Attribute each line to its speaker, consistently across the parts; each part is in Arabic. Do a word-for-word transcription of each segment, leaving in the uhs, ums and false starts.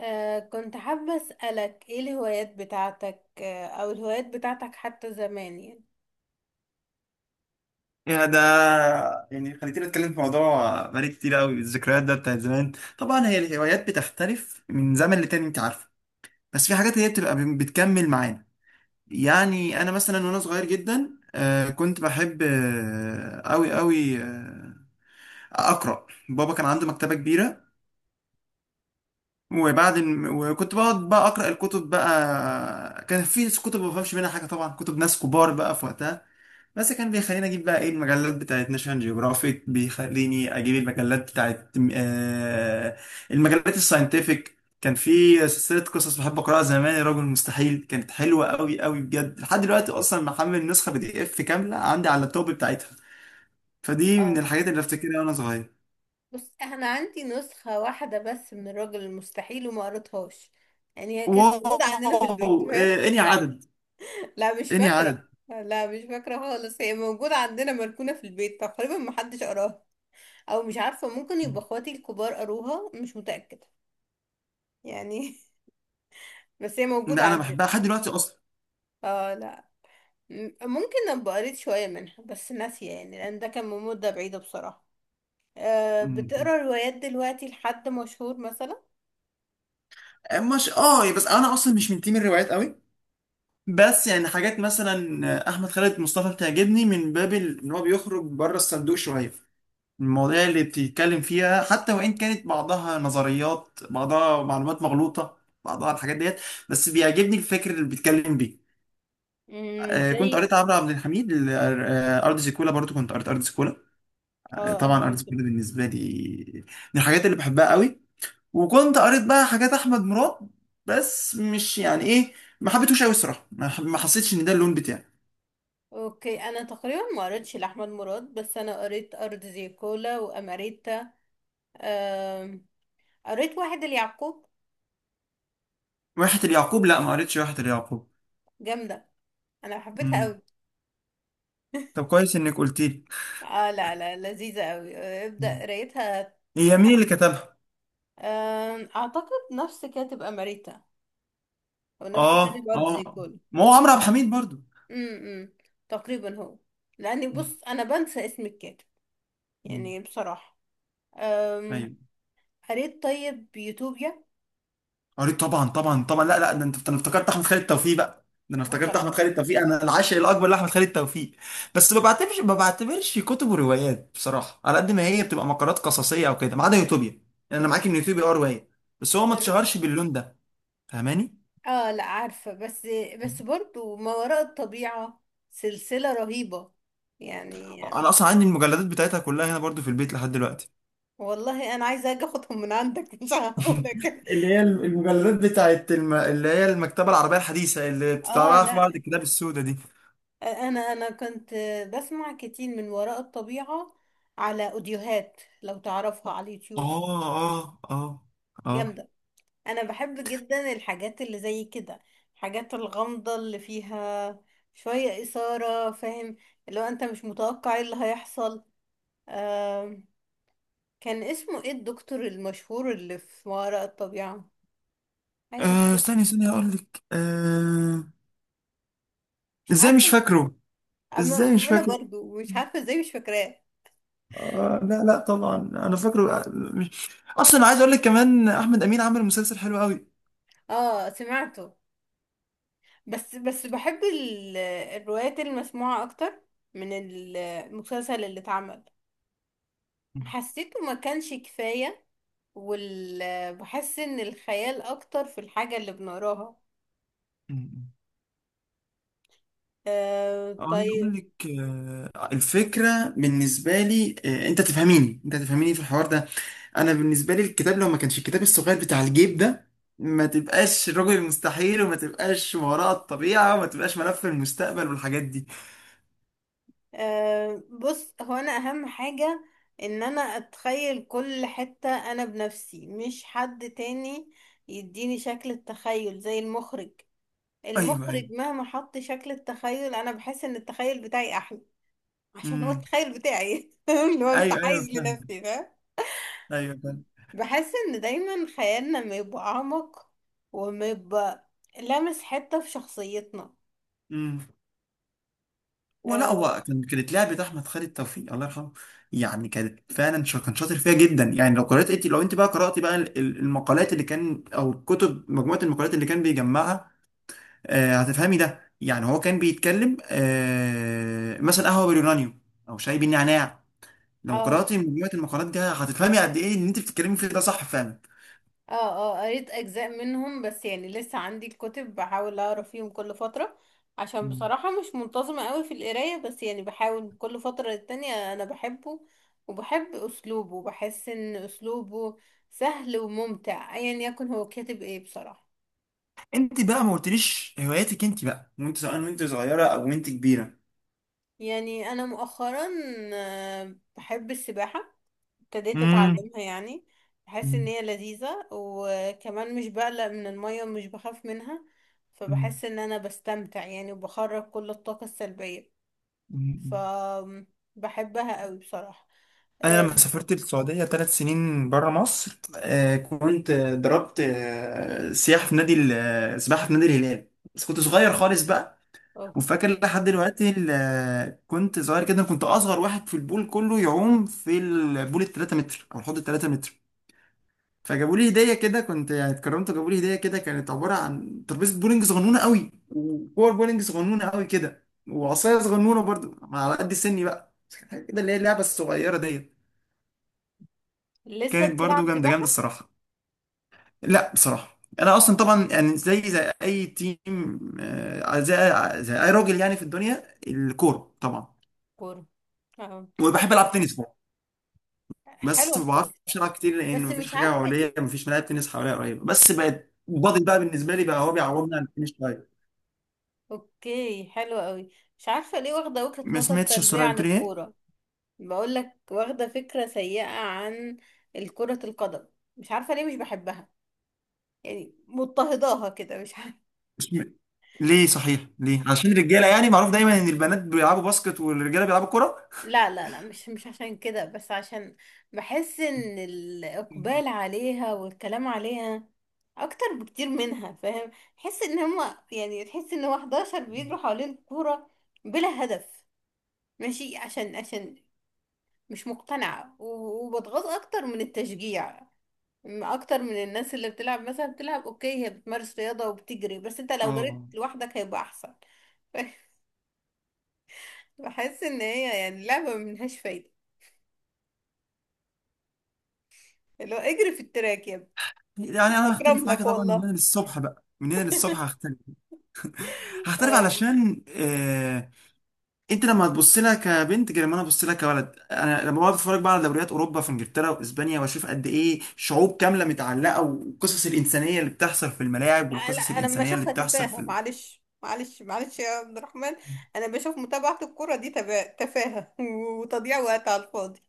Speaker 1: آه كنت حابة أسألك ايه الهوايات بتاعتك آه او الهوايات بتاعتك حتى زمان يعني
Speaker 2: يا ده، يعني خليتني اتكلم في موضوع بقالي كتير قوي. الذكريات ده بتاعت زمان. طبعا هي الهوايات بتختلف من زمن لتاني، انت عارفه. بس في حاجات هي بتبقى بتكمل معانا. يعني انا مثلا وانا صغير جدا، آه، كنت بحب قوي قوي اقرا. بابا كان عنده مكتبه كبيره. وبعد الم... وكنت بقعد بقى اقرا الكتب بقى. كان في كتب ما بفهمش منها حاجه طبعا، كتب ناس كبار بقى في وقتها. بس كان بيخليني اجيب بقى ايه المجلات بتاعت ناشونال جيوغرافيك، بيخليني اجيب المجلات بتاعت آه المجلات الساينتفك. كان في سلسله قصص بحب اقراها زمان، يا راجل مستحيل، كانت حلوه قوي قوي بجد. لحد دلوقتي اصلا محمل نسخه بي دي اف كامله عندي على اللابتوب بتاعتها. فدي من
Speaker 1: اه
Speaker 2: الحاجات اللي افتكرها وانا صغير.
Speaker 1: بص انا عندي نسخة واحدة بس من الراجل المستحيل وما قريتهاش، يعني هي كانت موجودة عندنا في البيت،
Speaker 2: واو
Speaker 1: فاهم؟
Speaker 2: آه اني عدد،
Speaker 1: لا مش
Speaker 2: اني
Speaker 1: فاكرة.
Speaker 2: عدد.
Speaker 1: لا مش فاكرة خالص، هي موجودة عندنا مركونة في البيت تقريبا محدش قراها، او مش عارفة، ممكن يبقى اخواتي الكبار قروها، مش متأكدة يعني. بس هي موجودة
Speaker 2: لا انا
Speaker 1: عندنا.
Speaker 2: بحبها لحد دلوقتي اصلا.
Speaker 1: اه لا، م- ممكن ابقى قريت شوية منها بس ناسية يعني، لان ده كان من مدة بعيدة بصراحة. أه
Speaker 2: م- م.
Speaker 1: بتقرا روايات دلوقتي لحد مشهور مثلا؟
Speaker 2: مش اه، بس انا اصلا مش من تيم الروايات قوي. بس يعني حاجات مثلا احمد خالد مصطفى بتعجبني من باب ال- ان هو بيخرج بره الصندوق شويه. المواضيع اللي بتتكلم فيها، حتى وان كانت بعضها نظريات، بعضها معلومات مغلوطه، بعضها الحاجات ديت، بس بيعجبني الفكر اللي بيتكلم بيه.
Speaker 1: امم،
Speaker 2: آه كنت
Speaker 1: زي
Speaker 2: قريت عمرو عبد الحميد، ال- آه، ارض زيكولا. برضو كنت قريت ارض زيكولا. آه،
Speaker 1: اه ارض
Speaker 2: طبعا ارض
Speaker 1: زيكولا.
Speaker 2: زيكولا بالنسبه لي من الحاجات اللي بحبها قوي. وكنت قريت بقى حاجات احمد مراد بس مش يعني ايه، ما حبيتهوش قوي الصراحه. ما ما حسيتش ان ده اللون بتاعي.
Speaker 1: اوكي، انا تقريبا ما قريتش لاحمد مراد، بس انا قريت ارض زيكولا واماريتا. آم، قريت واحد اليعقوب،
Speaker 2: واحة اليعقوب؟ لا ما قريتش واحة اليعقوب.
Speaker 1: جامدة، انا حبيتها
Speaker 2: مم.
Speaker 1: قوي.
Speaker 2: طب كويس انك قلت لي.
Speaker 1: اه لا لا، لذيذة قوي، آه، ابدأ
Speaker 2: مم.
Speaker 1: قرايتها.
Speaker 2: هي مين اللي كتبها؟
Speaker 1: آم، اعتقد نفس كاتب اماريتا او نفس كاتب
Speaker 2: اه
Speaker 1: ارض
Speaker 2: اه،
Speaker 1: زيكولا.
Speaker 2: ما هو عمرو عبد الحميد برضو.
Speaker 1: امم، تقريبا هو، لاني
Speaker 2: مم.
Speaker 1: بص انا بنسى اسم الكاتب
Speaker 2: مم.
Speaker 1: يعني بصراحه. أم...
Speaker 2: ايوه،
Speaker 1: قريت طيب يوتوبيا.
Speaker 2: قريت طبعا طبعا طبعا. لا لا ده انت، ده انا افتكرت احمد خالد توفيق بقى، ده انا
Speaker 1: آه،
Speaker 2: افتكرت
Speaker 1: غلط.
Speaker 2: احمد خالد توفيق. انا العاشق الاكبر لاحمد خالد توفيق. بس ما بعتبرش ما بعتبرش كتب وروايات بصراحه، على قد ما هي بتبقى مقالات قصصيه او كده، ما عدا يوتوبيا. يعني انا معاك ان يوتوبيا اه روايه، بس هو ما
Speaker 1: ر-
Speaker 2: اتشهرش باللون ده. فاهماني.
Speaker 1: اه لا عارفه، بس بس برضو ما وراء الطبيعه سلسله رهيبه يعني.
Speaker 2: انا اصلا عندي المجلدات بتاعتها كلها هنا برضو في البيت لحد دلوقتي،
Speaker 1: والله انا عايزه اجي اخدهم من عندك مش هقولك.
Speaker 2: اللي هي المجلدات بتاعت الم... اللي هي المكتبة العربية الحديثة اللي
Speaker 1: اه
Speaker 2: بتتعمل في معرض
Speaker 1: لا،
Speaker 2: الكتاب السوداء دي.
Speaker 1: انا انا كنت بسمع كتير من وراء الطبيعه على اوديوهات لو تعرفها على اليوتيوب.
Speaker 2: اه اه اه. اه.
Speaker 1: جامده. انا بحب جدا الحاجات اللي زي كده، الحاجات الغامضة اللي فيها شوية إثارة، فاهم؟ اللي هو انت مش متوقع ايه اللي هيحصل. آم، كان اسمه ايه الدكتور المشهور اللي في ما وراء الطبيعة؟ عايزة
Speaker 2: آه،
Speaker 1: افتكر،
Speaker 2: استني استني هقول لك آه.
Speaker 1: مش
Speaker 2: ازاي مش
Speaker 1: عارفة.
Speaker 2: فاكره.
Speaker 1: أما
Speaker 2: ازاي مش
Speaker 1: انا
Speaker 2: فاكره.
Speaker 1: برضو مش عارفة ازاي مش فاكراه.
Speaker 2: آه لا لا طبعا انا فاكره، آه، مش... اصلا عايز اقول لك كمان احمد امين عمل مسلسل حلو
Speaker 1: اه سمعته، بس بس بحب ال- الروايات المسموعة اكتر من المسلسل اللي اتعمل.
Speaker 2: قوي.
Speaker 1: حسيته ما كانش كفاية وال... بحس ان الخيال اكتر في الحاجة اللي بنقراها. أه
Speaker 2: أه، عايز
Speaker 1: طيب.
Speaker 2: اقول لك، آه، الفكره بالنسبه لي، آه، انت تفهميني، انت تفهميني في الحوار ده. انا بالنسبه لي الكتاب، لو ما كانش الكتاب الصغير بتاع الجيب ده، ما تبقاش الرجل المستحيل، وما تبقاش ما وراء الطبيعه، وما تبقاش ملف المستقبل والحاجات دي.
Speaker 1: أه بص، هو انا اهم حاجة ان انا اتخيل كل حتة انا بنفسي مش حد تاني، يديني شكل التخيل زي المخرج.
Speaker 2: ايوه ايوه.
Speaker 1: المخرج مهما حط شكل التخيل انا بحس ان التخيل بتاعي احلى، عشان هو
Speaker 2: امم.
Speaker 1: التخيل بتاعي اللي هو
Speaker 2: ايوه
Speaker 1: متحيز
Speaker 2: ايوه فاهم.
Speaker 1: لنفسي ده.
Speaker 2: ايوه
Speaker 1: بحس ان دايما خيالنا ما يبقى اعمق وما يبقى لامس حتة في شخصيتنا.
Speaker 2: فاهم. ولا
Speaker 1: اه
Speaker 2: هو كان، كانت لعبة أحمد خالد توفيق الله يرحمه، يعني كانت فعلا شا- كان شاطر فيها جدا. يعني لو قرأت انت، لو انت بقى قرأتي بقى ال- ال- المقالات اللي كان، أو الكتب مجموعة المقالات اللي كان بيجمعها، آه هتفهمي ده. يعني هو كان بيتكلم آه مثلا قهوة باليورانيوم، أو شاي بالنعناع. لو
Speaker 1: اه
Speaker 2: قرأتي مجموعة المقالات دي هتفهمي قد إيه إن انت بتتكلمي فيه ده صح فعلا.
Speaker 1: اه. آه، قريت اجزاء منهم بس يعني لسه عندي الكتب، بحاول اقرا فيهم كل فترة عشان
Speaker 2: مم.
Speaker 1: بصراحة مش منتظمة قوي في القراية، بس يعني بحاول كل فترة للتانية، انا بحبه وبحب اسلوبه. بحس ان اسلوبه سهل وممتع، ايا يكن هو كاتب ايه بصراحة.
Speaker 2: انت بقى ما قلتليش هواياتك انت بقى، وانت سواء وانت صغيرة أو وانت كبيرة.
Speaker 1: يعني انا مؤخرا آه، بحب السباحة، ابتديت
Speaker 2: مم.
Speaker 1: اتعلمها يعني. بحس ان
Speaker 2: مم.
Speaker 1: هي لذيذة، وكمان مش بقلق من المية ومش بخاف منها،
Speaker 2: مم.
Speaker 1: فبحس ان انا بستمتع يعني وبخرج كل الطاقة السلبية. ف
Speaker 2: مم.
Speaker 1: بحبها قوي بصراحة.
Speaker 2: انا لما
Speaker 1: أم،
Speaker 2: سافرت السعوديه ثلاث سنين بره مصر، آه، كنت، آه، ضربت، آه، سياحه في نادي ال- آه، سباحه في نادي الهلال. بس كنت صغير خالص بقى. وفاكر
Speaker 1: اوكي.
Speaker 2: لحد دلوقتي ال- آه، كنت صغير جدا، كنت اصغر واحد في البول كله يعوم في البول ال تلاتة متر او الحوض ال ثلاثة متر. فجابوا لي هديه كده، كنت يعني اتكرمت، وجابوا لي هديه كده كانت عباره عن ترابيزه بولينج صغنونه قوي، وكور بولينج صغنونه قوي كده، وعصايه صغنونه برضو على قد سني بقى، بس كانت حاجة كده اللي هي اللعبه الصغيره ديت.
Speaker 1: لسه
Speaker 2: كانت
Speaker 1: بتلعب
Speaker 2: برضو جامده جامده
Speaker 1: سباحة؟
Speaker 2: الصراحه. لا بصراحه، انا اصلا طبعا يعني زي زي اي تيم، آه، زي زي اي راجل يعني في الدنيا الكوره طبعا.
Speaker 1: كورة، اه.
Speaker 2: وبحب العب تنس برضه، بس
Speaker 1: حلوة
Speaker 2: ما بعرفش
Speaker 1: التنس،
Speaker 2: العب كتير لان
Speaker 1: بس
Speaker 2: مفيش
Speaker 1: مش
Speaker 2: حاجه
Speaker 1: عارفة
Speaker 2: حواليا،
Speaker 1: ايه.
Speaker 2: مفيش ملاعب تنس حواليا قريبه. بس بقت بادل بقى بالنسبه لي بقى، هو بيعوضني عن التنس شويه.
Speaker 1: اوكي، حلوة قوي. مش عارفة ليه واخدة وجهة
Speaker 2: ما
Speaker 1: نظر
Speaker 2: سمعتش
Speaker 1: سلبية
Speaker 2: السؤال،
Speaker 1: عن
Speaker 2: بتقولي ايه؟
Speaker 1: الكورة. بقول لك واخده فكره سيئه عن الكره القدم، مش عارفه ليه مش بحبها، يعني مضطهداها كده مش عارفه.
Speaker 2: اسم- ليه صحيح، ليه؟ عشان الرجاله يعني، معروف دايما ان البنات بيلعبوا باسكت والرجاله بيلعبوا كوره.
Speaker 1: لا لا لا، مش مش عشان كده، بس عشان بحس ان الاقبال عليها والكلام عليها اكتر بكتير منها، فاهم؟ تحس ان هما يعني تحس ان هو حداشر بيجروا حوالين الكوره بلا هدف. ماشي، عشان عشان مش مقتنعه، و- وبتغاظ اكتر من التشجيع، م- اكتر من الناس اللي بتلعب مثلا، بتلعب اوكي هي بتمارس رياضة وبتجري، بس انت لو جريت
Speaker 2: اه.
Speaker 1: لوحدك هيبقى احسن. بحس ان هي يعني لعبة ملهاش فايدة، اللي هو اجري في التراك يا
Speaker 2: يعني
Speaker 1: ابني
Speaker 2: انا
Speaker 1: اكرم
Speaker 2: هختلف معاك
Speaker 1: لك
Speaker 2: طبعا من
Speaker 1: والله.
Speaker 2: هنا للصبح بقى، من هنا للصبح هختلف. هختلف
Speaker 1: اه
Speaker 2: علشان آه... انت لما هتبص لها كبنت غير لما انا ابص لها كولد. انا لما بقعد اتفرج بقى على دوريات اوروبا في انجلترا واسبانيا واشوف قد ايه شعوب كامله متعلقه، والقصص الانسانيه اللي بتحصل في الملاعب،
Speaker 1: لا لا،
Speaker 2: والقصص
Speaker 1: انا لما
Speaker 2: الانسانيه اللي
Speaker 1: اشوفها
Speaker 2: بتحصل في
Speaker 1: تفاهة.
Speaker 2: ال...
Speaker 1: معلش معلش معلش يا عبد الرحمن، انا بشوف متابعة الكرة دي تبا- تفاهة وتضييع وقت على الفاضي.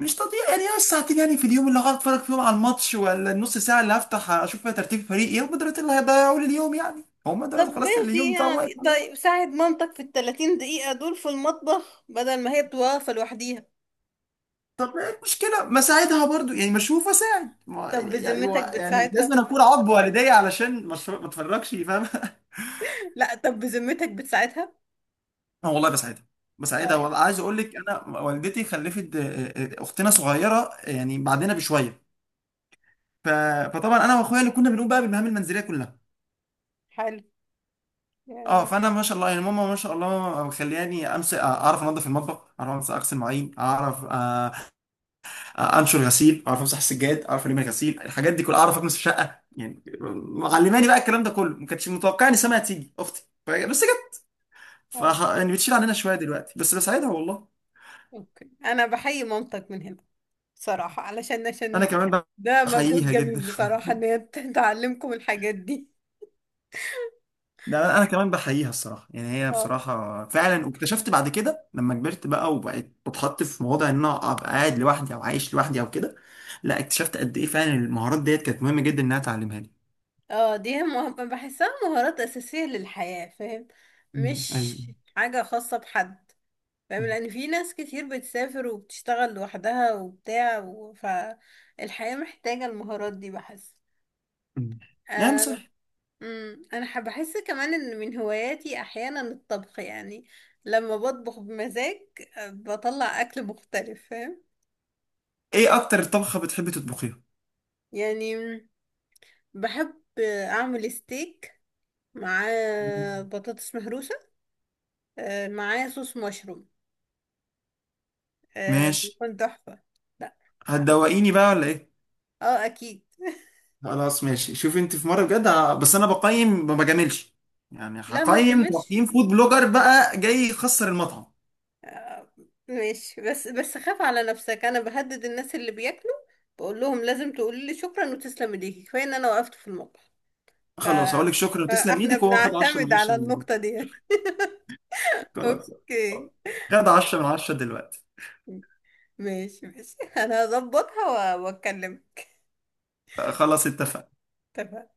Speaker 2: مش تضييع. يعني هي الساعتين يعني في اليوم اللي هقعد اتفرج فيهم على الماتش، ولا النص ساعه اللي هفتح اشوف فيها ترتيب فريق، ايه هم دول اللي هيضيعوا لي اليوم؟ يعني هم
Speaker 1: طب
Speaker 2: دول خلاص اللي
Speaker 1: ماشي
Speaker 2: اليوم بتاعهم واقف.
Speaker 1: يعني، طيب ساعد مامتك في التلاتين دقيقة دول في المطبخ بدل ما هي بتبقى واقفة لوحديها.
Speaker 2: طب ايه المشكلة؟ ما ساعدها برضو، يعني مشروف وساعد، ما
Speaker 1: طب
Speaker 2: يعني
Speaker 1: بذمتك
Speaker 2: هو يعني لازم
Speaker 1: بتساعدها؟
Speaker 2: أنا اكون عض والدي علشان مشروع ما اتفرجش، فاهم؟
Speaker 1: لا طب بذمتك بتساعدها؟
Speaker 2: اه والله بساعدها، بساعدها
Speaker 1: طيب،
Speaker 2: والله. عايز اقول لك، انا والدتي خلفت آه، آه، اختنا صغيرة، آه، يعني بعدنا بشوية. ف... فطبعا انا واخويا اللي كنا بنقوم بقى بالمهام المنزلية كلها.
Speaker 1: حلو
Speaker 2: اه،
Speaker 1: يعني.
Speaker 2: فانا ما شاء الله، يعني ماما ما شاء الله مخلياني امسك، اعرف انظف المطبخ، اعرف امسك اغسل مواعين، اعرف آه، انشر غسيل، اعرف امسح السجاد، اعرف الم غسيل، الحاجات دي كلها اعرف اكنس في شقه يعني. معلماني بقى الكلام ده كله، ما كانتش متوقع ان سما هتيجي اختي ف- بس جت. ف
Speaker 1: اه
Speaker 2: يعني بتشيل عننا شويه دلوقتي، بس بساعدها والله.
Speaker 1: اوكي، انا بحيي مامتك من هنا بصراحة، علشان
Speaker 2: انا
Speaker 1: عشان
Speaker 2: كمان
Speaker 1: ده مجهود
Speaker 2: بحييها جدا.
Speaker 1: جميل بصراحة ان هي ت- تعلمكم الحاجات دي.
Speaker 2: ده انا كمان بحييها الصراحه. يعني هي
Speaker 1: اه
Speaker 2: بصراحه فعلا، واكتشفت بعد كده لما كبرت بقى وبقيت بتحط في مواضع ان انا ابقى قاعد لوحدي او عايش لوحدي او كده، لا اكتشفت قد ايه فعلا المهارات ديت كانت مهمه جدا انها تعلمها لي.
Speaker 1: اه، دي مه... بحسها مهارات اساسية للحياة، فاهم؟
Speaker 2: أمم، ايوه.
Speaker 1: مش حاجة خاصة بحد، فاهم؟
Speaker 2: أمم،
Speaker 1: لان في ناس كتير بتسافر وبتشتغل لوحدها وبتاع و... فالحياة محتاجة المهارات دي بحس.
Speaker 2: أمم. نعم
Speaker 1: آه،
Speaker 2: صح.
Speaker 1: امم، انا حب- بحس كمان ان من هواياتي احيانا الطبخ يعني، لما بطبخ بمزاج آه، بطلع اكل مختلف، فاهم؟
Speaker 2: ايه اكتر طبخة بتحبي تطبخيها؟
Speaker 1: يعني مم، بحب آه، اعمل ستيك مع بطاطس مهروسه، آه، معاه صوص مشروم، آه،
Speaker 2: ماشي.
Speaker 1: بيكون تحفه. لا
Speaker 2: هتدوقيني بقى ولا ايه؟
Speaker 1: اه اكيد.
Speaker 2: خلاص ماشي، شوفي انت في مرة بجد، ه- بس انا بقيم ما بجاملش، يعني
Speaker 1: لا ما
Speaker 2: هقيم
Speaker 1: تجملش،
Speaker 2: تقييم فود بلوجر بقى جاي يخسر المطعم.
Speaker 1: ماشي، بس بس خاف على نفسك، انا بهدد الناس اللي بياكلوا، بقول لهم لازم تقولي لي شكرا وتسلم ايديكي، كفايه ان انا وقفت في المطبخ. ف...
Speaker 2: خلاص هقول لك شكرا وتسلم
Speaker 1: فاحنا
Speaker 2: ايدك، وهو خد عشرة من
Speaker 1: بنعتمد
Speaker 2: عشرة
Speaker 1: على
Speaker 2: من دلوقتي.
Speaker 1: النقطة دي.
Speaker 2: خلاص.
Speaker 1: اوكي،
Speaker 2: خد عشرة من عشرة دلوقتي.
Speaker 1: ماشي ماشي. انا هظبطها و- واتكلم.
Speaker 2: خلاص اتفقنا.
Speaker 1: تمام.